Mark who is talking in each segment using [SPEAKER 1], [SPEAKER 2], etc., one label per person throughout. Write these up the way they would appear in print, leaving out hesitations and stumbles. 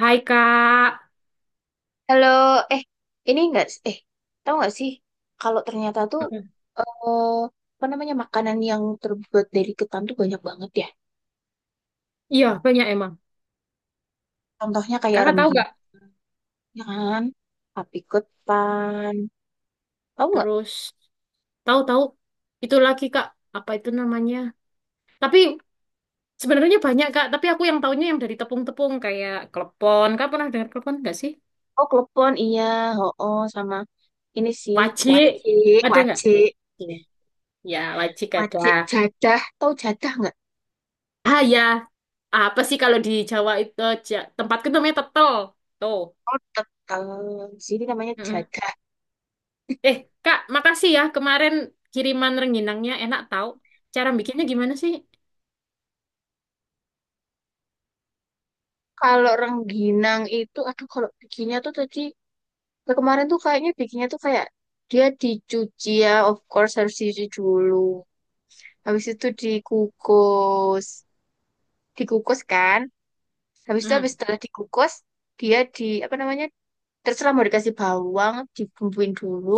[SPEAKER 1] Hai Kak.
[SPEAKER 2] Halo, eh, ini enggak, eh, tahu nggak sih, kalau ternyata tuh,
[SPEAKER 1] Apa?
[SPEAKER 2] eh, apa namanya, makanan yang terbuat dari ketan tuh banyak banget ya.
[SPEAKER 1] Iya, banyak emang.
[SPEAKER 2] Contohnya kayak
[SPEAKER 1] Kakak tahu
[SPEAKER 2] rengginang,
[SPEAKER 1] nggak?
[SPEAKER 2] ya kan, tapi ketan, tahu nggak?
[SPEAKER 1] Terus tahu-tahu itu lagi Kak, apa itu namanya? Tapi sebenarnya banyak Kak, tapi aku yang taunya yang dari tepung-tepung kayak klepon. Kak pernah dengar klepon nggak sih?
[SPEAKER 2] Oh, klepon, iya, oh, oh, sama ini sih,
[SPEAKER 1] Wajik.
[SPEAKER 2] wacik,
[SPEAKER 1] Ada nggak?
[SPEAKER 2] wacik,
[SPEAKER 1] Iya. Ya, wajik ada.
[SPEAKER 2] wacik, jadah, tahu jadah nggak?
[SPEAKER 1] Ah ya, apa sih kalau di Jawa itu tempatku namanya tetel. Tuh.
[SPEAKER 2] Oh, tetap, sini namanya
[SPEAKER 1] Mm-mm.
[SPEAKER 2] jadah.
[SPEAKER 1] Eh, Kak, makasih ya kemarin kiriman rengginangnya enak tahu. Cara bikinnya gimana sih?
[SPEAKER 2] Kalau rengginang itu, aduh, kalau bikinnya tuh tadi. Nah, kemarin tuh kayaknya bikinnya tuh kayak dia dicuci ya, of course harus dicuci dulu. Habis itu dikukus, dikukus kan. Habis itu
[SPEAKER 1] Hmm.
[SPEAKER 2] habis setelah dikukus, dia di apa namanya? Terserah mau dikasih bawang, dibumbuin dulu,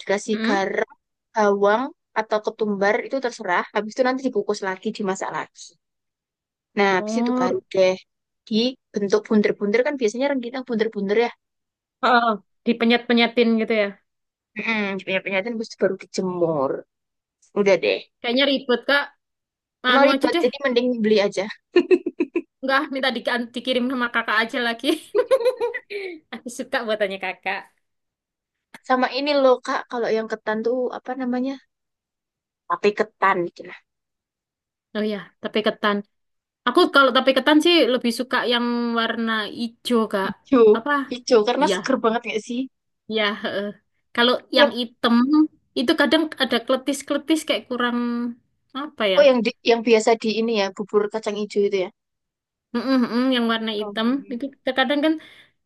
[SPEAKER 2] dikasih garam, bawang atau ketumbar itu terserah. Habis itu nanti dikukus lagi, dimasak lagi. Nah, habis itu
[SPEAKER 1] Hmm.
[SPEAKER 2] baru deh dibentuk buntir-buntir kan biasanya rengginang buntir-buntir ya.
[SPEAKER 1] Heeh, dipenyet-penyetin gitu ya.
[SPEAKER 2] Hmm, punya penyataan habis itu baru dijemur. Udah deh.
[SPEAKER 1] Kayaknya ribet, Kak.
[SPEAKER 2] Emang
[SPEAKER 1] Anu aja
[SPEAKER 2] ribet,
[SPEAKER 1] deh.
[SPEAKER 2] jadi mending beli aja.
[SPEAKER 1] Enggak, minta dikirim sama kakak aja lagi. Aku suka buatannya kakak.
[SPEAKER 2] Sama ini loh, Kak, kalau yang ketan tuh apa namanya? Tapi ketan gitu lah.
[SPEAKER 1] Oh ya, tape ketan. Aku kalau tape ketan sih lebih suka yang warna ijo, Kak.
[SPEAKER 2] Hijau,
[SPEAKER 1] Apa?
[SPEAKER 2] hijau karena
[SPEAKER 1] Iya,
[SPEAKER 2] seger banget gak sih?
[SPEAKER 1] iya. Heeh. Kalau yang
[SPEAKER 2] Tiap
[SPEAKER 1] hitam, itu kadang ada kletis-kletis kayak kurang apa ya?
[SPEAKER 2] oh yang yang biasa di ini ya, bubur kacang hijau itu ya.
[SPEAKER 1] Mm-mm, mm, yang warna
[SPEAKER 2] Hmm.
[SPEAKER 1] hitam itu terkadang kan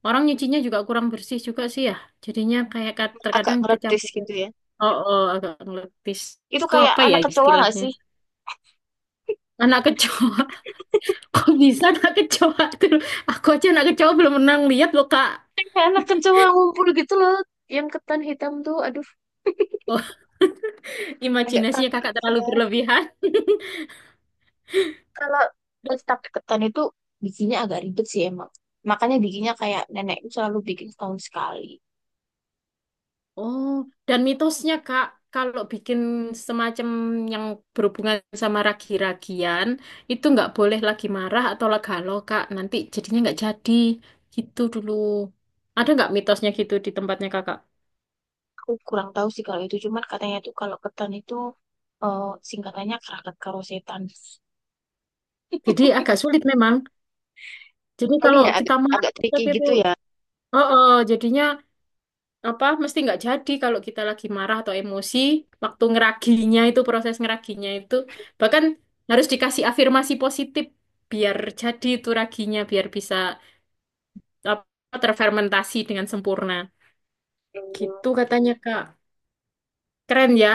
[SPEAKER 1] orang nyucinya juga kurang bersih juga sih ya. Jadinya kayak
[SPEAKER 2] Agak
[SPEAKER 1] terkadang
[SPEAKER 2] ngeredes
[SPEAKER 1] kecampur.
[SPEAKER 2] gitu ya.
[SPEAKER 1] Oh, oh, agak ngeletis.
[SPEAKER 2] Itu
[SPEAKER 1] Itu
[SPEAKER 2] kayak
[SPEAKER 1] apa ya
[SPEAKER 2] anak kecoa gak
[SPEAKER 1] istilahnya?
[SPEAKER 2] sih?
[SPEAKER 1] Anak kecoa. Kok bisa anak kecoa tuh? Aku aja anak kecoa belum pernah lihat loh, Kak.
[SPEAKER 2] Kayak anak kecoa ngumpul gitu loh. Yang ketan hitam tuh, aduh,
[SPEAKER 1] Oh,
[SPEAKER 2] agak
[SPEAKER 1] imajinasinya
[SPEAKER 2] takut
[SPEAKER 1] kakak terlalu
[SPEAKER 2] ya.
[SPEAKER 1] berlebihan.
[SPEAKER 2] Kalau tetap ketan itu bikinnya agak ribet sih emang. Makanya bikinnya kayak nenekku selalu bikin setahun sekali.
[SPEAKER 1] Oh, dan mitosnya, Kak, kalau bikin semacam yang berhubungan sama ragi-ragian, itu nggak boleh lagi marah atau galau Kak. Nanti jadinya nggak jadi. Gitu dulu. Ada nggak mitosnya gitu di tempatnya kakak?
[SPEAKER 2] Aku kurang tahu sih kalau itu, cuman katanya tuh kalau ketan itu eh, singkatannya kerakat karo setan.
[SPEAKER 1] Jadi agak sulit memang. Jadi
[SPEAKER 2] Ini
[SPEAKER 1] kalau
[SPEAKER 2] ya
[SPEAKER 1] kita
[SPEAKER 2] agak
[SPEAKER 1] marah, kita
[SPEAKER 2] tricky
[SPEAKER 1] gitu.
[SPEAKER 2] gitu ya.
[SPEAKER 1] Oh, oh, jadinya apa mesti nggak jadi kalau kita lagi marah atau emosi waktu ngeraginya itu, proses ngeraginya itu bahkan harus dikasih afirmasi positif biar jadi itu raginya, biar bisa apa terfermentasi dengan sempurna
[SPEAKER 2] Hmm,
[SPEAKER 1] gitu katanya Kak. Keren ya,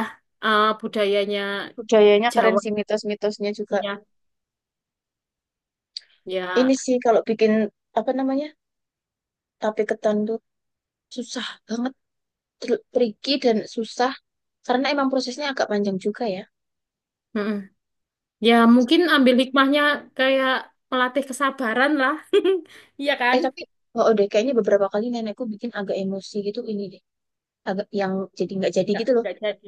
[SPEAKER 1] budayanya
[SPEAKER 2] budayanya keren
[SPEAKER 1] Jawa,
[SPEAKER 2] sih mitos-mitosnya juga.
[SPEAKER 1] ya, ya.
[SPEAKER 2] Ini sih kalau bikin apa namanya tape ketan tuh susah banget, tricky dan susah karena emang prosesnya agak panjang juga ya.
[SPEAKER 1] Mm-mm. Ya mungkin ambil hikmahnya kayak melatih kesabaran lah. Iya kan?
[SPEAKER 2] Eh tapi oh oh deh kayaknya beberapa kali nenekku bikin agak emosi gitu ini deh, agak yang jadi nggak jadi
[SPEAKER 1] nggak
[SPEAKER 2] gitu loh,
[SPEAKER 1] nggak jadi,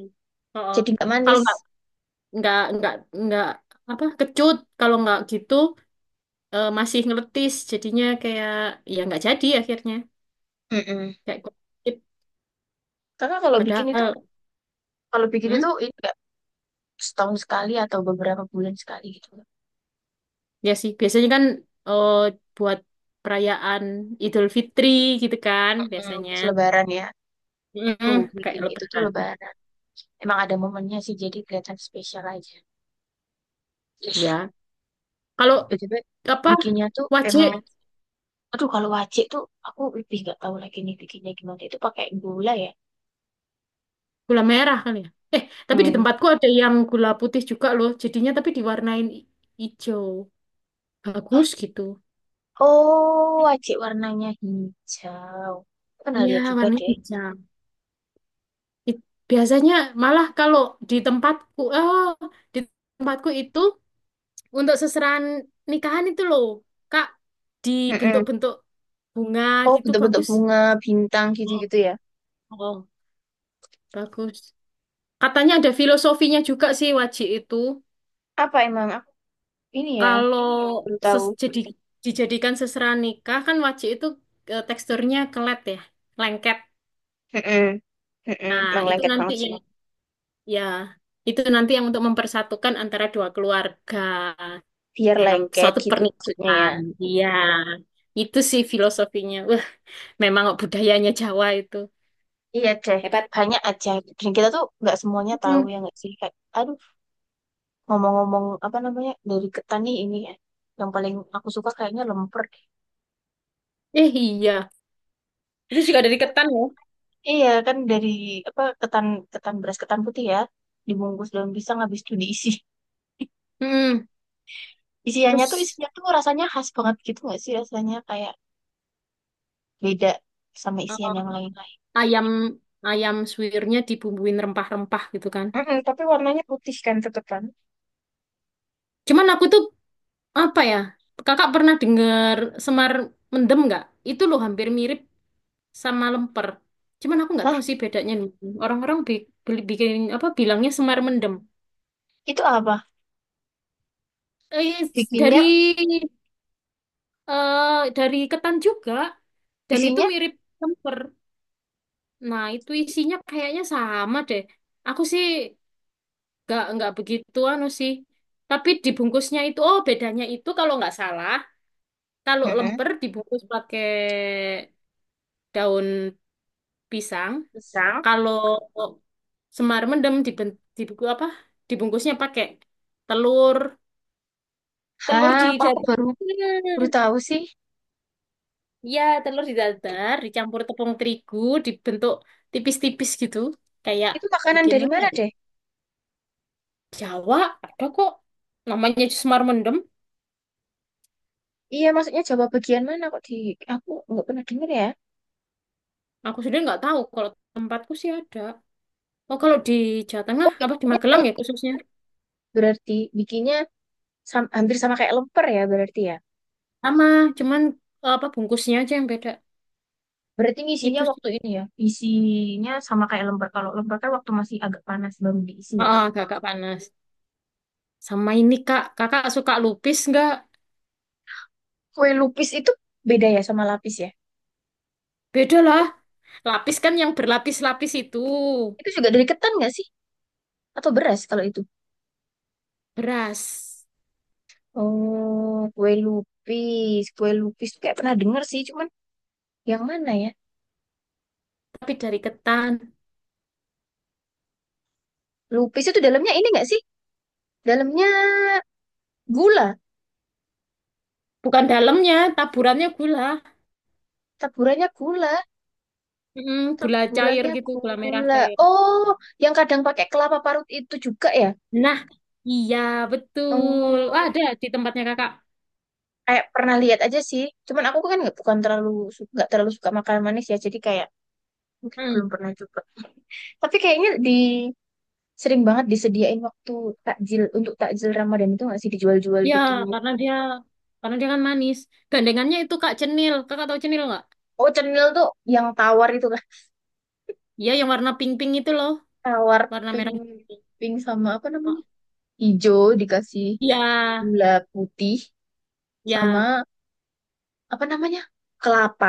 [SPEAKER 1] oh, oh.
[SPEAKER 2] jadi nggak
[SPEAKER 1] Kalau
[SPEAKER 2] manis.
[SPEAKER 1] nggak nggak nggak apa kecut, kalau nggak gitu masih ngeletis jadinya, kayak ya nggak jadi akhirnya,
[SPEAKER 2] Mm-mm.
[SPEAKER 1] kayak kulit.
[SPEAKER 2] Kakak
[SPEAKER 1] Padahal
[SPEAKER 2] kalau bikin
[SPEAKER 1] hmm,
[SPEAKER 2] itu ini setahun sekali atau beberapa bulan sekali gitu.
[SPEAKER 1] ya sih biasanya kan eh, buat perayaan Idul Fitri gitu kan
[SPEAKER 2] Mm,
[SPEAKER 1] biasanya.
[SPEAKER 2] pas Lebaran ya,
[SPEAKER 1] Mm,
[SPEAKER 2] tuh
[SPEAKER 1] kayak
[SPEAKER 2] bikin itu tuh
[SPEAKER 1] lebaran
[SPEAKER 2] Lebaran. Emang ada momennya sih, jadi kelihatan spesial aja.
[SPEAKER 1] ya. Kalau
[SPEAKER 2] BTW,
[SPEAKER 1] apa,
[SPEAKER 2] bikinnya tuh
[SPEAKER 1] wajib,
[SPEAKER 2] emang, aduh kalau wajik tuh aku lebih nggak tahu lagi nih bikinnya gimana. Itu pakai gula ya?
[SPEAKER 1] gula merah kali ya. Eh tapi di
[SPEAKER 2] Hmm.
[SPEAKER 1] tempatku ada yang gula putih juga loh jadinya, tapi diwarnain hijau,
[SPEAKER 2] Hah?
[SPEAKER 1] bagus gitu.
[SPEAKER 2] Oh, wajik warnanya hijau. Aku pernah
[SPEAKER 1] Iya
[SPEAKER 2] lihat juga
[SPEAKER 1] warnanya
[SPEAKER 2] deh.
[SPEAKER 1] hijau. It- Biasanya malah kalau di tempatku, oh, di tempatku itu untuk seserahan nikahan itu loh, Kak,
[SPEAKER 2] Mm-mm.
[SPEAKER 1] dibentuk-bentuk bunga
[SPEAKER 2] Oh,
[SPEAKER 1] gitu,
[SPEAKER 2] bentuk-bentuk
[SPEAKER 1] bagus.
[SPEAKER 2] bunga, bintang
[SPEAKER 1] Oh,
[SPEAKER 2] gitu-gitu ya.
[SPEAKER 1] oh. Bagus. Katanya ada filosofinya juga sih wajik itu.
[SPEAKER 2] Apa emang aku ini ya,
[SPEAKER 1] Kalau
[SPEAKER 2] baru tahu.
[SPEAKER 1] jadi dijadikan seserahan nikah kan wajik itu teksturnya kelet ya, lengket.
[SPEAKER 2] Mm-mm. Mm-mm.
[SPEAKER 1] Nah,
[SPEAKER 2] Emang
[SPEAKER 1] itu
[SPEAKER 2] lengket
[SPEAKER 1] nanti
[SPEAKER 2] banget sih.
[SPEAKER 1] yang ya, itu nanti yang untuk mempersatukan antara dua keluarga
[SPEAKER 2] Biar
[SPEAKER 1] dalam
[SPEAKER 2] lengket
[SPEAKER 1] suatu
[SPEAKER 2] gitu maksudnya ya.
[SPEAKER 1] pernikahan. Iya, itu sih filosofinya. Wah, memang budayanya Jawa itu
[SPEAKER 2] Iya deh,
[SPEAKER 1] hebat.
[SPEAKER 2] banyak aja. Dan kita tuh nggak semuanya tahu
[SPEAKER 1] Hmm.
[SPEAKER 2] ya nggak sih. Kayak, aduh, ngomong-ngomong apa namanya dari ketan nih ini ya. Yang paling aku suka kayaknya lemper.
[SPEAKER 1] Eh iya, itu juga dari ketan ya.
[SPEAKER 2] Iya kan dari apa ketan ketan beras ketan putih ya dibungkus daun pisang habis itu diisi.
[SPEAKER 1] Hmm.
[SPEAKER 2] Isiannya tuh
[SPEAKER 1] Terus
[SPEAKER 2] isinya tuh rasanya khas banget gitu nggak sih rasanya kayak beda sama isian
[SPEAKER 1] eh,
[SPEAKER 2] yang lain-lain.
[SPEAKER 1] ayam ayam suwirnya dibumbuin rempah-rempah gitu kan.
[SPEAKER 2] Mm-mm, tapi warnanya putih kan tetep kan?
[SPEAKER 1] Cuman aku tuh apa ya? Kakak pernah dengar semar mendem nggak? Itu loh hampir mirip sama lemper. Cuman aku nggak
[SPEAKER 2] Nah,
[SPEAKER 1] tahu sih bedanya nih. Orang-orang bikin apa bilangnya semar mendem.
[SPEAKER 2] itu apa?
[SPEAKER 1] Eh, dari
[SPEAKER 2] Bikinnya
[SPEAKER 1] dari ketan juga, dan itu
[SPEAKER 2] isinya.
[SPEAKER 1] mirip kemper. Nah, itu isinya kayaknya sama deh. Aku sih nggak begitu anu sih. Tapi dibungkusnya itu, oh, bedanya itu kalau nggak salah, kalau
[SPEAKER 2] Mm-mm.
[SPEAKER 1] lemper dibungkus pakai daun pisang,
[SPEAKER 2] Pisang.
[SPEAKER 1] kalau semar mendem dibuku apa? Dibungkusnya pakai telur, telur
[SPEAKER 2] Hah,
[SPEAKER 1] di
[SPEAKER 2] kok aku
[SPEAKER 1] dada.
[SPEAKER 2] baru baru tahu sih.
[SPEAKER 1] Iya, telur didadar, dicampur tepung terigu, dibentuk tipis-tipis gitu. Kayak
[SPEAKER 2] Itu makanan
[SPEAKER 1] bikin
[SPEAKER 2] dari
[SPEAKER 1] apa
[SPEAKER 2] mana
[SPEAKER 1] ya?
[SPEAKER 2] deh?
[SPEAKER 1] Jawa, ada kok. Namanya Semar Mendem.
[SPEAKER 2] Iya, maksudnya Jawa bagian mana kok di aku nggak pernah dengar ya.
[SPEAKER 1] Aku sudah nggak tahu, kalau tempatku sih ada. Oh, kalau di Jawa Tengah,
[SPEAKER 2] Oh,
[SPEAKER 1] apa di
[SPEAKER 2] bikinnya
[SPEAKER 1] Magelang
[SPEAKER 2] kayak
[SPEAKER 1] ya khususnya?
[SPEAKER 2] berarti bikinnya hampir sama kayak lemper ya.
[SPEAKER 1] Sama, cuman apa bungkusnya aja yang beda.
[SPEAKER 2] Berarti ngisinya
[SPEAKER 1] Itu sih.
[SPEAKER 2] waktu ini ya. Isinya sama kayak lemper. Kalau lemper kan waktu masih agak panas baru diisi ya.
[SPEAKER 1] Oh, kakak panas. Sama ini kak, kakak suka lupis nggak?
[SPEAKER 2] Kue lupis itu beda ya sama lapis ya.
[SPEAKER 1] Beda lah. Lapis kan yang berlapis-lapis itu.
[SPEAKER 2] Itu juga dari ketan nggak sih? Atau beras kalau itu?
[SPEAKER 1] Beras.
[SPEAKER 2] Oh, kue lupis. Kue lupis tuh kayak pernah denger sih, cuman yang mana ya?
[SPEAKER 1] Tapi dari ketan.
[SPEAKER 2] Lupis itu dalamnya ini nggak sih? Dalamnya gula,
[SPEAKER 1] Bukan dalamnya, taburannya gula.
[SPEAKER 2] taburannya gula,
[SPEAKER 1] Mm, gula cair
[SPEAKER 2] taburannya
[SPEAKER 1] gitu, gula merah
[SPEAKER 2] gula.
[SPEAKER 1] cair.
[SPEAKER 2] Oh, yang kadang pakai kelapa parut itu juga ya?
[SPEAKER 1] Nah, iya betul. Wah,
[SPEAKER 2] Oh,
[SPEAKER 1] ada di tempatnya kakak.
[SPEAKER 2] kayak pernah lihat aja sih. Cuman aku kan nggak bukan terlalu nggak terlalu suka makanan manis ya, jadi kayak mungkin
[SPEAKER 1] Mm.
[SPEAKER 2] belum pernah coba. Tapi kayaknya di sering banget disediain waktu takjil untuk takjil Ramadan itu nggak sih dijual-jual
[SPEAKER 1] Ya,
[SPEAKER 2] gitu.
[SPEAKER 1] karena dia karena dia kan manis. Gandengannya itu Kak Cenil. Kakak tahu Cenil nggak?
[SPEAKER 2] Oh, cenil tuh yang tawar itu lah,
[SPEAKER 1] Iya, yang warna pink-pink itu loh,
[SPEAKER 2] tawar,
[SPEAKER 1] warna
[SPEAKER 2] pink,
[SPEAKER 1] merah.
[SPEAKER 2] pink sama apa
[SPEAKER 1] Oh,
[SPEAKER 2] namanya? Hijau dikasih
[SPEAKER 1] iya,
[SPEAKER 2] gula putih sama
[SPEAKER 1] iya.
[SPEAKER 2] apa namanya kelapa.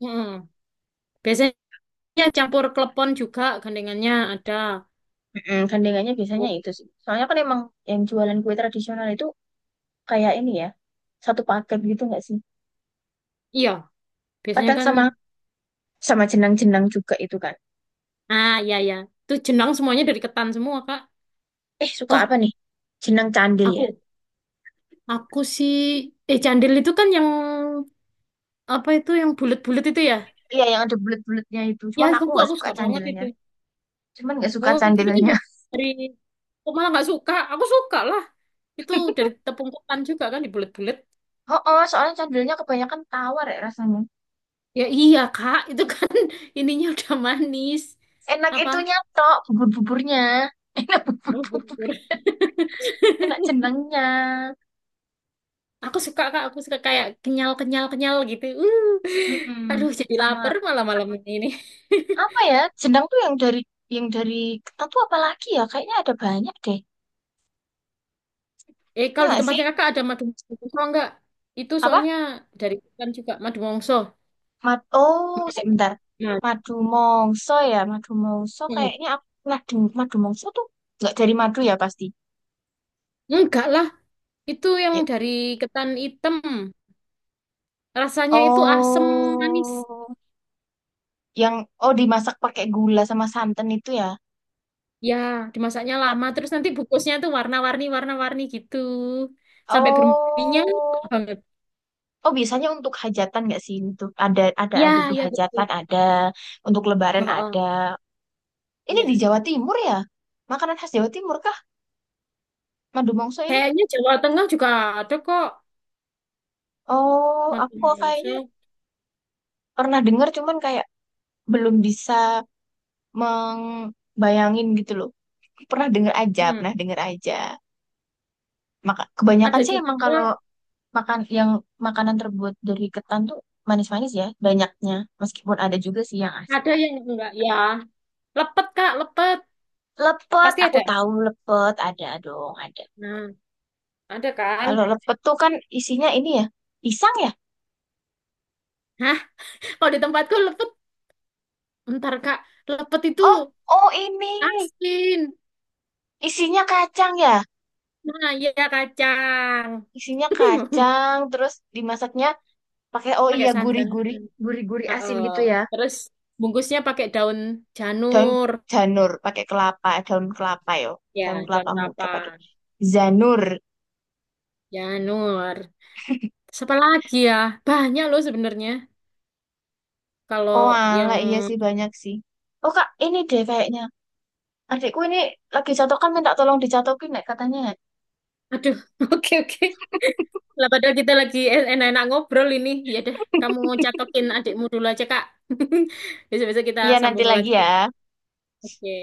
[SPEAKER 1] Mm. Biasanya campur klepon juga gandengannya ada.
[SPEAKER 2] Mm, gandengannya biasanya
[SPEAKER 1] Oh,
[SPEAKER 2] itu sih. Soalnya kan emang yang jualan kue tradisional itu kayak ini ya, satu paket gitu nggak sih?
[SPEAKER 1] iya, biasanya
[SPEAKER 2] Kadang
[SPEAKER 1] kan
[SPEAKER 2] sama sama jenang-jenang juga itu kan.
[SPEAKER 1] ah iya ya. Itu jenang semuanya dari ketan semua, Kak.
[SPEAKER 2] Eh suka
[SPEAKER 1] Oh,
[SPEAKER 2] apa nih? Jenang candil
[SPEAKER 1] aku
[SPEAKER 2] ya?
[SPEAKER 1] Aku sih, eh candil itu kan yang apa, itu yang bulat-bulat itu ya?
[SPEAKER 2] Iya yang ada bulat-bulatnya itu.
[SPEAKER 1] Ya,
[SPEAKER 2] Cuman
[SPEAKER 1] aku
[SPEAKER 2] aku nggak
[SPEAKER 1] aku
[SPEAKER 2] suka
[SPEAKER 1] suka banget
[SPEAKER 2] candilnya.
[SPEAKER 1] itu.
[SPEAKER 2] Cuman nggak suka
[SPEAKER 1] Oh, itu kan
[SPEAKER 2] candilnya.
[SPEAKER 1] dari, kok malah nggak suka. Aku suka lah. Itu dari tepung ketan juga kan, dibulet-bulet.
[SPEAKER 2] Oh, oh soalnya candilnya kebanyakan tawar ya rasanya.
[SPEAKER 1] Ya iya kak, itu kan ininya udah manis.
[SPEAKER 2] Enak
[SPEAKER 1] Apa?
[SPEAKER 2] itunya tok bubur-buburnya. Enak bubur-bubur. Enak jenangnya.
[SPEAKER 1] Aku suka kak, aku suka kayak kenyal-kenyal-kenyal gitu.
[SPEAKER 2] Mm-mm.
[SPEAKER 1] Aduh jadi
[SPEAKER 2] Sama
[SPEAKER 1] lapar malah malam ini.
[SPEAKER 2] apa ya jenang tuh yang dari ketan tuh apa lagi ya kayaknya ada banyak deh
[SPEAKER 1] Eh,
[SPEAKER 2] ya
[SPEAKER 1] kalau di
[SPEAKER 2] nggak sih
[SPEAKER 1] tempatnya kakak ada madu mongso nggak? Itu
[SPEAKER 2] apa
[SPEAKER 1] soalnya dari kan juga madu mongso.
[SPEAKER 2] mad oh sebentar
[SPEAKER 1] Nah,
[SPEAKER 2] madu mongso ya madu mongso
[SPEAKER 1] mm,
[SPEAKER 2] kayaknya aku pernah dengar madu mongso tuh nggak dari madu ya pasti.
[SPEAKER 1] enggak lah, itu yang
[SPEAKER 2] Ya.
[SPEAKER 1] dari ketan hitam. Rasanya itu asem manis.
[SPEAKER 2] Oh yang oh dimasak pakai gula sama santan itu ya.
[SPEAKER 1] Ya, dimasaknya
[SPEAKER 2] Ka-
[SPEAKER 1] lama, terus nanti bukusnya tuh warna-warni, warna-warni gitu. Sampai berminyak
[SPEAKER 2] oh.
[SPEAKER 1] banget.
[SPEAKER 2] Oh biasanya untuk hajatan nggak sih? Untuk ada ada
[SPEAKER 1] Ya,
[SPEAKER 2] di
[SPEAKER 1] ya
[SPEAKER 2] hajatan
[SPEAKER 1] betul.
[SPEAKER 2] ada, untuk
[SPEAKER 1] Oh,
[SPEAKER 2] lebaran ada.
[SPEAKER 1] oh,
[SPEAKER 2] Ini di
[SPEAKER 1] ya.
[SPEAKER 2] Jawa Timur ya? Makanan khas Jawa Timur kah? Madu mongso ini?
[SPEAKER 1] Kayaknya Jawa Tengah juga ada kok.
[SPEAKER 2] Oh,
[SPEAKER 1] Madu
[SPEAKER 2] aku kayaknya
[SPEAKER 1] Malaysia.
[SPEAKER 2] pernah dengar cuman kayak belum bisa membayangin gitu loh. Pernah dengar aja,
[SPEAKER 1] Hmm.
[SPEAKER 2] pernah dengar aja. Maka
[SPEAKER 1] Ada
[SPEAKER 2] kebanyakan sih emang
[SPEAKER 1] juga,
[SPEAKER 2] kalau makan yang makanan terbuat dari ketan tuh manis-manis ya banyaknya. Meskipun ada juga sih yang asin.
[SPEAKER 1] ada yang enggak ya. Lepet, Kak, lepet.
[SPEAKER 2] Lepet,
[SPEAKER 1] Pasti
[SPEAKER 2] aku
[SPEAKER 1] ada.
[SPEAKER 2] tahu lepet ada dong, ada.
[SPEAKER 1] Nah, ada kan?
[SPEAKER 2] Kalau lepet tuh kan isinya ini ya, pisang ya?
[SPEAKER 1] Hah? Kalau di tempatku lepet, bentar Kak. Lepet itu
[SPEAKER 2] Oh, oh ini
[SPEAKER 1] asin.
[SPEAKER 2] isinya kacang ya?
[SPEAKER 1] Nah, iya kacang.
[SPEAKER 2] Isinya kacang, terus dimasaknya pakai oh
[SPEAKER 1] Pakai
[SPEAKER 2] iya
[SPEAKER 1] santan.
[SPEAKER 2] gurih-gurih, gurih-gurih asin
[SPEAKER 1] Heeh.
[SPEAKER 2] gitu ya.
[SPEAKER 1] Terus bungkusnya pakai daun
[SPEAKER 2] Daun
[SPEAKER 1] janur.
[SPEAKER 2] janur pakai kelapa, eh, daun kelapa yo, daun
[SPEAKER 1] Ya, daun
[SPEAKER 2] kelapa muda pakai
[SPEAKER 1] kelapa.
[SPEAKER 2] zanur.
[SPEAKER 1] Janur. Terus apa lagi ya? Banyak loh sebenarnya. Kalau
[SPEAKER 2] Oh ala
[SPEAKER 1] yang...
[SPEAKER 2] iya sih banyak sih. Oh kak, ini deh kayaknya adikku ini lagi catokan minta tolong dicatokin nek katanya.
[SPEAKER 1] Aduh, oke oke. Lah padahal kita lagi enak-enak ngobrol ini. Ya deh, kamu catokin adikmu dulu aja, Kak. Besok-besok kita
[SPEAKER 2] Iya nanti
[SPEAKER 1] sambung
[SPEAKER 2] lagi
[SPEAKER 1] lagi.
[SPEAKER 2] ya.
[SPEAKER 1] Oke.